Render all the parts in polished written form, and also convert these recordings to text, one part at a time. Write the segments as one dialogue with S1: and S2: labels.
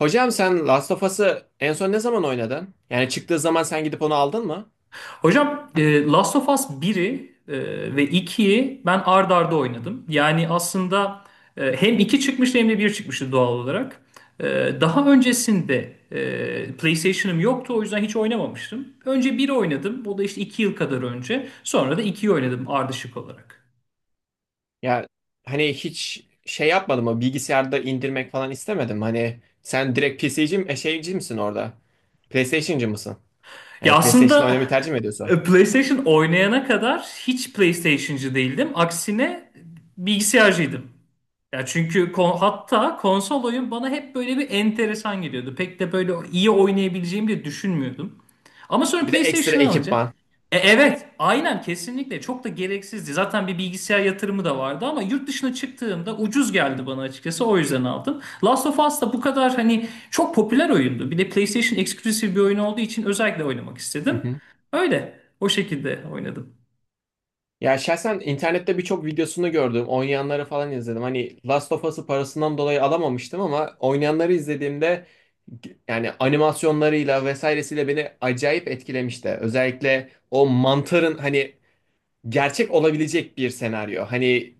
S1: Hocam sen Last of Us'ı en son ne zaman oynadın? Yani çıktığı zaman sen gidip onu aldın mı?
S2: Hocam Last of Us 1'i ve ikiyi ben ard arda oynadım. Yani aslında hem 2 çıkmıştı hem de bir çıkmıştı doğal olarak. Daha öncesinde PlayStation'ım yoktu, o yüzden hiç oynamamıştım. Önce biri oynadım. Bu da işte 2 yıl kadar önce. Sonra da ikiyi oynadım ardışık olarak.
S1: Ya hani hiç şey yapmadın mı? Bilgisayarda indirmek falan istemedim. Hani sen direkt PC'ci mi, şeyci misin orada? PlayStation'cı mısın?
S2: Ya
S1: Yani PlayStation
S2: aslında
S1: oynamayı tercih mi ediyorsun?
S2: PlayStation oynayana kadar hiç PlayStation'cı değildim. Aksine bilgisayarcıydım. Ya çünkü hatta konsol oyun bana hep böyle bir enteresan geliyordu. Pek de böyle iyi oynayabileceğimi de düşünmüyordum. Ama sonra
S1: Bir de ekstra
S2: PlayStation'ı alınca
S1: ekipman.
S2: evet, aynen, kesinlikle çok da gereksizdi. Zaten bir bilgisayar yatırımı da vardı ama yurt dışına çıktığımda ucuz geldi bana açıkçası, o yüzden aldım. Last of Us da bu kadar hani çok popüler oyundu. Bir de PlayStation eksklusif bir oyun olduğu için özellikle oynamak
S1: Hı
S2: istedim.
S1: hı.
S2: Öyle o şekilde oynadım.
S1: Ya şahsen internette birçok videosunu gördüm. Oynayanları falan izledim. Hani Last of Us'ı parasından dolayı alamamıştım ama oynayanları izlediğimde yani animasyonlarıyla vesairesiyle beni acayip etkilemişti. Özellikle o mantarın hani gerçek olabilecek bir senaryo. Hani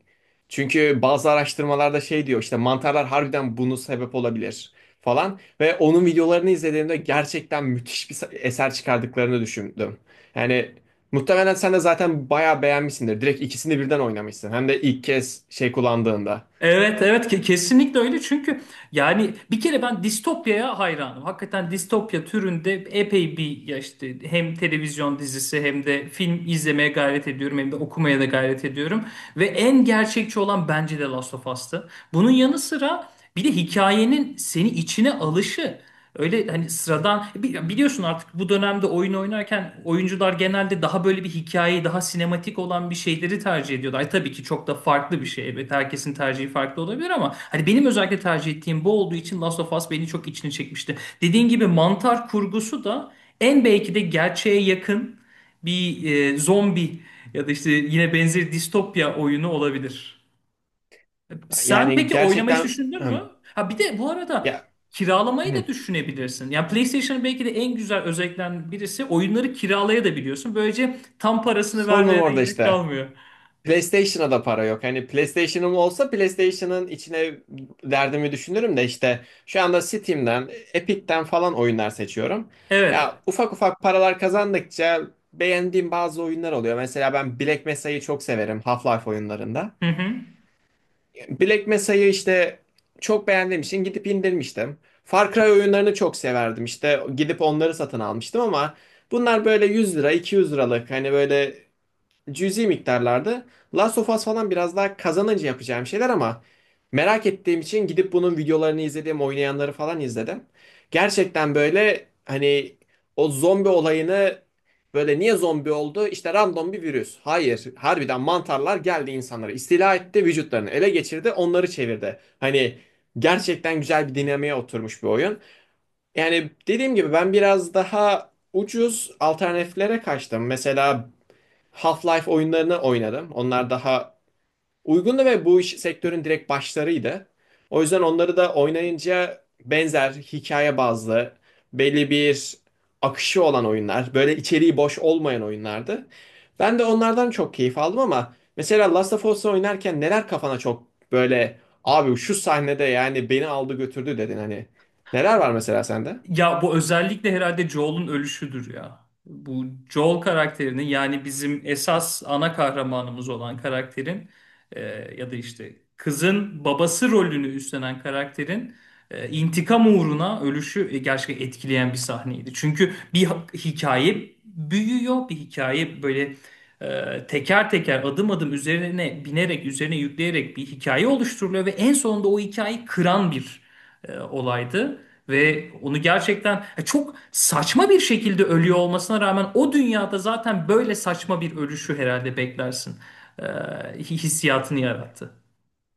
S1: çünkü bazı araştırmalarda şey diyor işte mantarlar harbiden bunu sebep olabilir falan ve onun videolarını izlediğimde gerçekten müthiş bir eser çıkardıklarını düşündüm. Yani muhtemelen sen de zaten bayağı beğenmişsindir. Direkt ikisini birden oynamışsın. Hem de ilk kez şey kullandığında.
S2: Evet, evet, kesinlikle öyle, çünkü yani bir kere ben distopyaya hayranım. Hakikaten distopya türünde epey bir, ya işte, hem televizyon dizisi hem de film izlemeye gayret ediyorum, hem de okumaya da gayret ediyorum. Ve en gerçekçi olan bence de Last of Us'tı. Bunun yanı sıra bir de hikayenin seni içine alışı. Öyle hani sıradan, biliyorsun, artık bu dönemde oyun oynarken oyuncular genelde daha böyle bir hikayeyi, daha sinematik olan bir şeyleri tercih ediyorlar. Ay, tabii ki çok da farklı bir şey. Evet, herkesin tercihi farklı olabilir ama hani benim özellikle tercih ettiğim bu olduğu için Last of Us beni çok içine çekmişti. Dediğin gibi mantar kurgusu da en belki de gerçeğe yakın bir zombi ya da işte yine benzeri distopya oyunu olabilir. Sen
S1: Yani
S2: peki oynamayı hiç
S1: gerçekten.
S2: düşündün mü?
S1: Hım.
S2: Ha, bir de bu arada
S1: Ya
S2: kiralamayı da
S1: hım,
S2: düşünebilirsin. Yani PlayStation'ın belki de en güzel özelliklerinden birisi, oyunları kiralayabiliyorsun. Böylece tam parasını
S1: sorunum
S2: vermeye de
S1: orada
S2: gerek
S1: işte.
S2: kalmıyor.
S1: PlayStation'a da para yok. Hani PlayStation'ım olsa PlayStation'ın içine derdimi düşünürüm de işte şu anda Steam'den, Epic'ten falan oyunlar seçiyorum.
S2: Evet.
S1: Ya ufak ufak paralar kazandıkça beğendiğim bazı oyunlar oluyor. Mesela ben Black Mesa'yı çok severim Half-Life oyunlarında.
S2: Hı hı.
S1: Black Mesa'yı işte çok beğendiğim için gidip indirmiştim. Far Cry oyunlarını çok severdim. İşte gidip onları satın almıştım ama bunlar böyle 100 lira, 200 liralık hani böyle cüzi miktarlarda. Last of Us falan biraz daha kazanınca yapacağım şeyler ama merak ettiğim için gidip bunun videolarını izledim, oynayanları falan izledim. Gerçekten böyle hani o zombi olayını böyle niye zombi oldu? İşte random bir virüs. Hayır, harbiden mantarlar geldi insanlara, istila etti, vücutlarını ele geçirdi, onları çevirdi. Hani gerçekten güzel bir dinamiğe oturmuş bir oyun. Yani dediğim gibi ben biraz daha ucuz alternatiflere kaçtım. Mesela Half-Life oyunlarını oynadım. Onlar daha uygundu ve bu iş sektörün direkt başlarıydı. O yüzden onları da oynayınca benzer hikaye bazlı belli bir akışı olan oyunlar, böyle içeriği boş olmayan oyunlardı. Ben de onlardan çok keyif aldım ama mesela Last of Us'ı oynarken neler kafana çok böyle abi şu sahnede yani beni aldı götürdü dedin hani. Neler var mesela sende?
S2: Ya bu özellikle herhalde Joel'un ölüşüdür ya. Bu Joel karakterinin, yani bizim esas ana kahramanımız olan karakterin, e, ya da işte kızın babası rolünü üstlenen karakterin intikam uğruna ölüşü gerçekten etkileyen bir sahneydi. Çünkü bir hikaye büyüyor, bir hikaye böyle teker teker, adım adım üzerine binerek, üzerine yükleyerek bir hikaye oluşturuluyor ve en sonunda o hikayeyi kıran bir olaydı ve onu gerçekten çok saçma bir şekilde ölüyor olmasına rağmen o dünyada zaten böyle saçma bir ölüşü herhalde beklersin. Hissiyatını yarattı.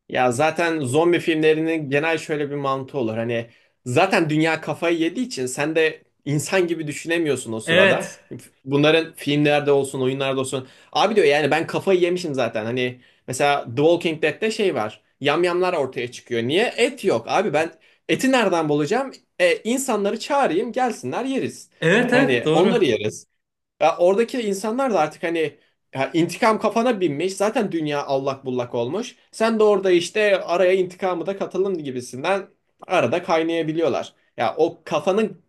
S1: Ya zaten zombi filmlerinin genel şöyle bir mantığı olur. Hani zaten dünya kafayı yediği için sen de insan gibi düşünemiyorsun o sırada.
S2: Evet.
S1: Bunların filmlerde olsun, oyunlarda olsun. Abi diyor yani ben kafayı yemişim zaten. Hani mesela The Walking Dead'te şey var. Yamyamlar ortaya çıkıyor. Niye? Et yok. Abi ben eti nereden bulacağım? İnsanları çağırayım, gelsinler yeriz.
S2: Evet, evet,
S1: Hani
S2: doğru.
S1: onları yeriz. Ya oradaki insanlar da artık hani ya intikam kafana binmiş. Zaten dünya allak bullak olmuş. Sen de orada işte araya intikamı da katalım gibisinden arada kaynayabiliyorlar. Ya o kafanın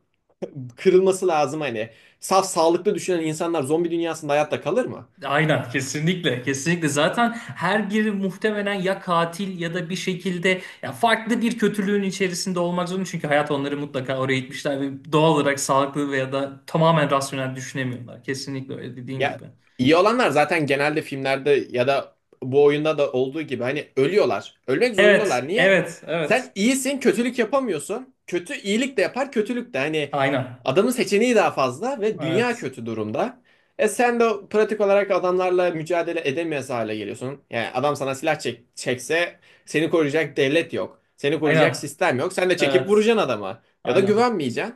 S1: kırılması lazım hani. Saf sağlıklı düşünen insanlar zombi dünyasında hayatta kalır mı?
S2: Aynen, kesinlikle kesinlikle zaten her biri muhtemelen ya katil ya da bir şekilde ya farklı bir kötülüğün içerisinde olmak zorunda, çünkü hayat onları mutlaka oraya itmişler ve doğal olarak sağlıklı veya da tamamen rasyonel düşünemiyorlar. Kesinlikle öyle, dediğin
S1: Ya
S2: gibi.
S1: iyi olanlar zaten genelde filmlerde ya da bu oyunda da olduğu gibi hani ölüyorlar. Ölmek
S2: Evet,
S1: zorundalar. Niye?
S2: evet, evet.
S1: Sen iyisin, kötülük yapamıyorsun. Kötü iyilik de yapar, kötülük de. Hani
S2: Aynen.
S1: adamın seçeneği daha fazla ve dünya
S2: Evet.
S1: kötü durumda. E sen de pratik olarak adamlarla mücadele edemez hale geliyorsun. Yani adam sana silah çek çekse seni koruyacak devlet yok. Seni koruyacak
S2: Aynen.
S1: sistem yok. Sen de çekip
S2: Evet.
S1: vuracaksın adama. Ya da
S2: Aynen.
S1: güvenmeyeceksin.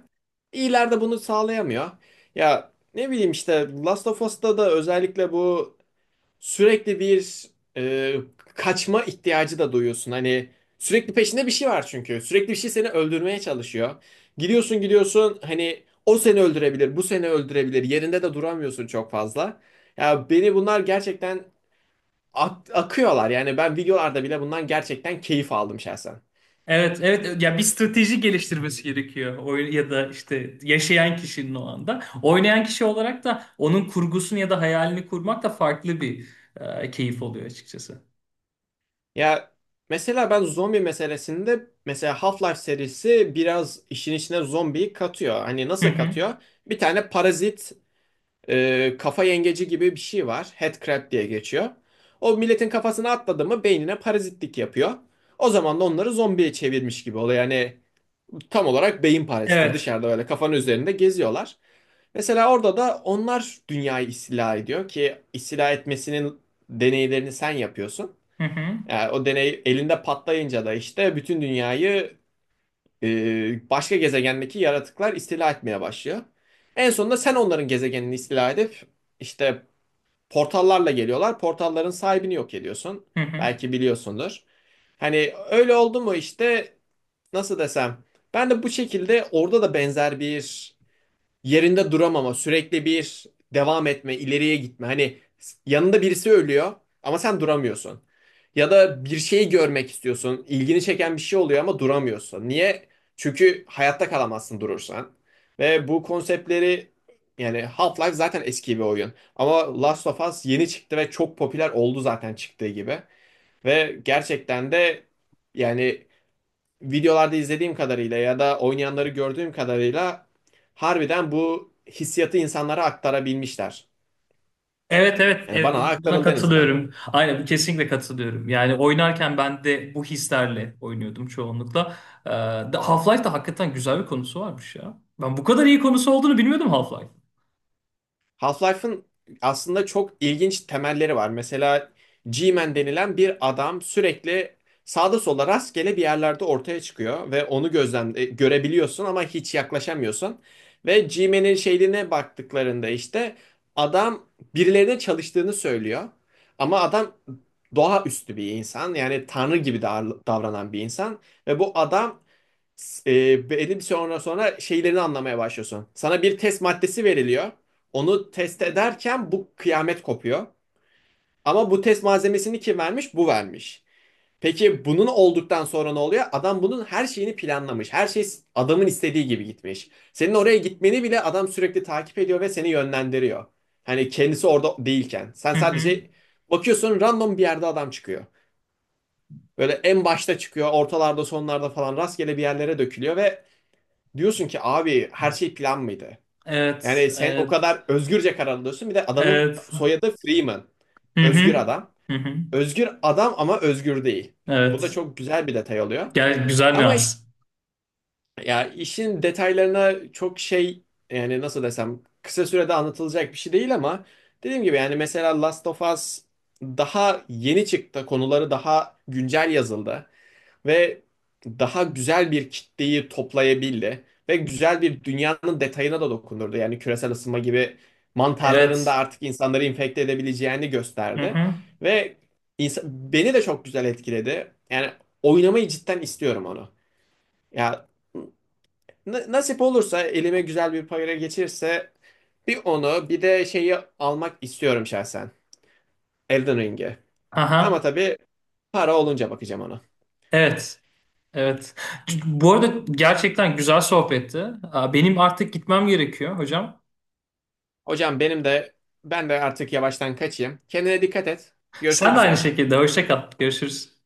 S1: İyiler de bunu sağlayamıyor. Ya ne bileyim işte Last of Us'ta da özellikle bu sürekli bir e, kaçma ihtiyacı da duyuyorsun. Hani sürekli peşinde bir şey var çünkü. Sürekli bir şey seni öldürmeye çalışıyor. Gidiyorsun gidiyorsun hani o seni öldürebilir, bu seni öldürebilir. Yerinde de duramıyorsun çok fazla. Ya beni bunlar gerçekten akıyorlar. Yani ben videolarda bile bundan gerçekten keyif aldım şahsen.
S2: Evet, evet ya bir strateji geliştirmesi gerekiyor oyun ya da işte yaşayan kişinin o anda. Oynayan kişi olarak da onun kurgusunu ya da hayalini kurmak da farklı bir e, keyif oluyor açıkçası.
S1: Ya mesela ben zombi meselesinde mesela Half-Life serisi biraz işin içine zombiyi katıyor. Hani
S2: Hı
S1: nasıl
S2: hı.
S1: katıyor? Bir tane parazit, kafa yengeci gibi bir şey var. Headcrab diye geçiyor. O milletin kafasına atladı mı beynine parazitlik yapıyor. O zaman da onları zombiye çevirmiş gibi oluyor. Yani tam olarak beyin paraziti
S2: Evet.
S1: dışarıda öyle kafanın üzerinde geziyorlar. Mesela orada da onlar dünyayı istila ediyor ki istila etmesinin deneylerini sen yapıyorsun.
S2: Hı hı.
S1: Yani o deney elinde patlayınca da işte bütün dünyayı başka gezegendeki yaratıklar istila etmeye başlıyor. En sonunda sen onların gezegenini istila edip işte portallarla geliyorlar. Portalların sahibini yok ediyorsun.
S2: Hı hı.
S1: Belki biliyorsundur. Hani öyle oldu mu işte nasıl desem ben de bu şekilde orada da benzer bir yerinde duramama, sürekli bir devam etme, ileriye gitme. Hani yanında birisi ölüyor ama sen duramıyorsun. Ya da bir şeyi görmek istiyorsun, ilgini çeken bir şey oluyor ama duramıyorsun. Niye? Çünkü hayatta kalamazsın durursan. Ve bu konseptleri, yani Half-Life zaten eski bir oyun. Ama Last of Us yeni çıktı ve çok popüler oldu zaten çıktığı gibi. Ve gerçekten de yani videolarda izlediğim kadarıyla ya da oynayanları gördüğüm kadarıyla harbiden bu hissiyatı insanlara aktarabilmişler.
S2: Evet, evet
S1: Yani
S2: evet,
S1: bana
S2: buna
S1: aktarıldı en azından.
S2: katılıyorum. Aynen, kesinlikle katılıyorum. Yani oynarken ben de bu hislerle oynuyordum çoğunlukla. Ee, Half-Life'da hakikaten güzel bir konusu varmış ya. Ben bu kadar iyi konusu olduğunu bilmiyordum Half-Life.
S1: Half-Life'ın aslında çok ilginç temelleri var. Mesela G-Man denilen bir adam sürekli sağda solda rastgele bir yerlerde ortaya çıkıyor ve onu görebiliyorsun ama hiç yaklaşamıyorsun. Ve G-Man'in şeyine baktıklarında işte adam birilerine çalıştığını söylüyor. Ama adam doğaüstü bir insan, yani tanrı gibi davranan bir insan ve bu adam, benim sonra şeylerini anlamaya başlıyorsun. Sana bir test maddesi veriliyor. Onu test ederken bu kıyamet kopuyor. Ama bu test malzemesini kim vermiş? Bu vermiş. Peki bunun olduktan sonra ne oluyor? Adam bunun her şeyini planlamış. Her şey adamın istediği gibi gitmiş. Senin oraya gitmeni bile adam sürekli takip ediyor ve seni yönlendiriyor. Hani kendisi orada değilken. Sen
S2: Hı hı.
S1: sadece bakıyorsun random bir yerde adam çıkıyor. Böyle en başta çıkıyor, ortalarda, sonlarda falan rastgele bir yerlere dökülüyor ve diyorsun ki abi her şey plan mıydı?
S2: Evet,
S1: Yani sen o
S2: evet,
S1: kadar özgürce karar alıyorsun. Bir de adamın
S2: evet.
S1: soyadı Freeman.
S2: Hı hı.
S1: Özgür adam.
S2: Hı hı.
S1: Özgür adam ama özgür değil. Bu da
S2: Evet.
S1: çok güzel bir detay oluyor.
S2: Gel güzel
S1: Ama işte
S2: nüans.
S1: ya işin detaylarına çok şey, yani nasıl desem kısa sürede anlatılacak bir şey değil ama dediğim gibi yani mesela Last of Us daha yeni çıktı. Konuları daha güncel yazıldı ve daha güzel bir kitleyi toplayabildi ve güzel bir dünyanın detayına da dokundurdu. Yani küresel ısınma gibi mantarlarında
S2: Evet.
S1: artık insanları infekte edebileceğini
S2: Hı
S1: gösterdi
S2: hı.
S1: ve insan, beni de çok güzel etkiledi. Yani oynamayı cidden istiyorum onu. Ya nasip olursa elime güzel bir para geçirse bir onu bir de şeyi almak istiyorum şahsen. Elden Ring'i. Ama
S2: Aha.
S1: tabii para olunca bakacağım ona.
S2: Evet. Evet. Bu arada gerçekten güzel sohbetti. Benim artık gitmem gerekiyor, hocam.
S1: Hocam benim de ben de artık yavaştan kaçayım. Kendine dikkat et.
S2: Sen
S1: Görüşmek
S2: de aynı
S1: üzere.
S2: şekilde. Hoşça kal. Görüşürüz.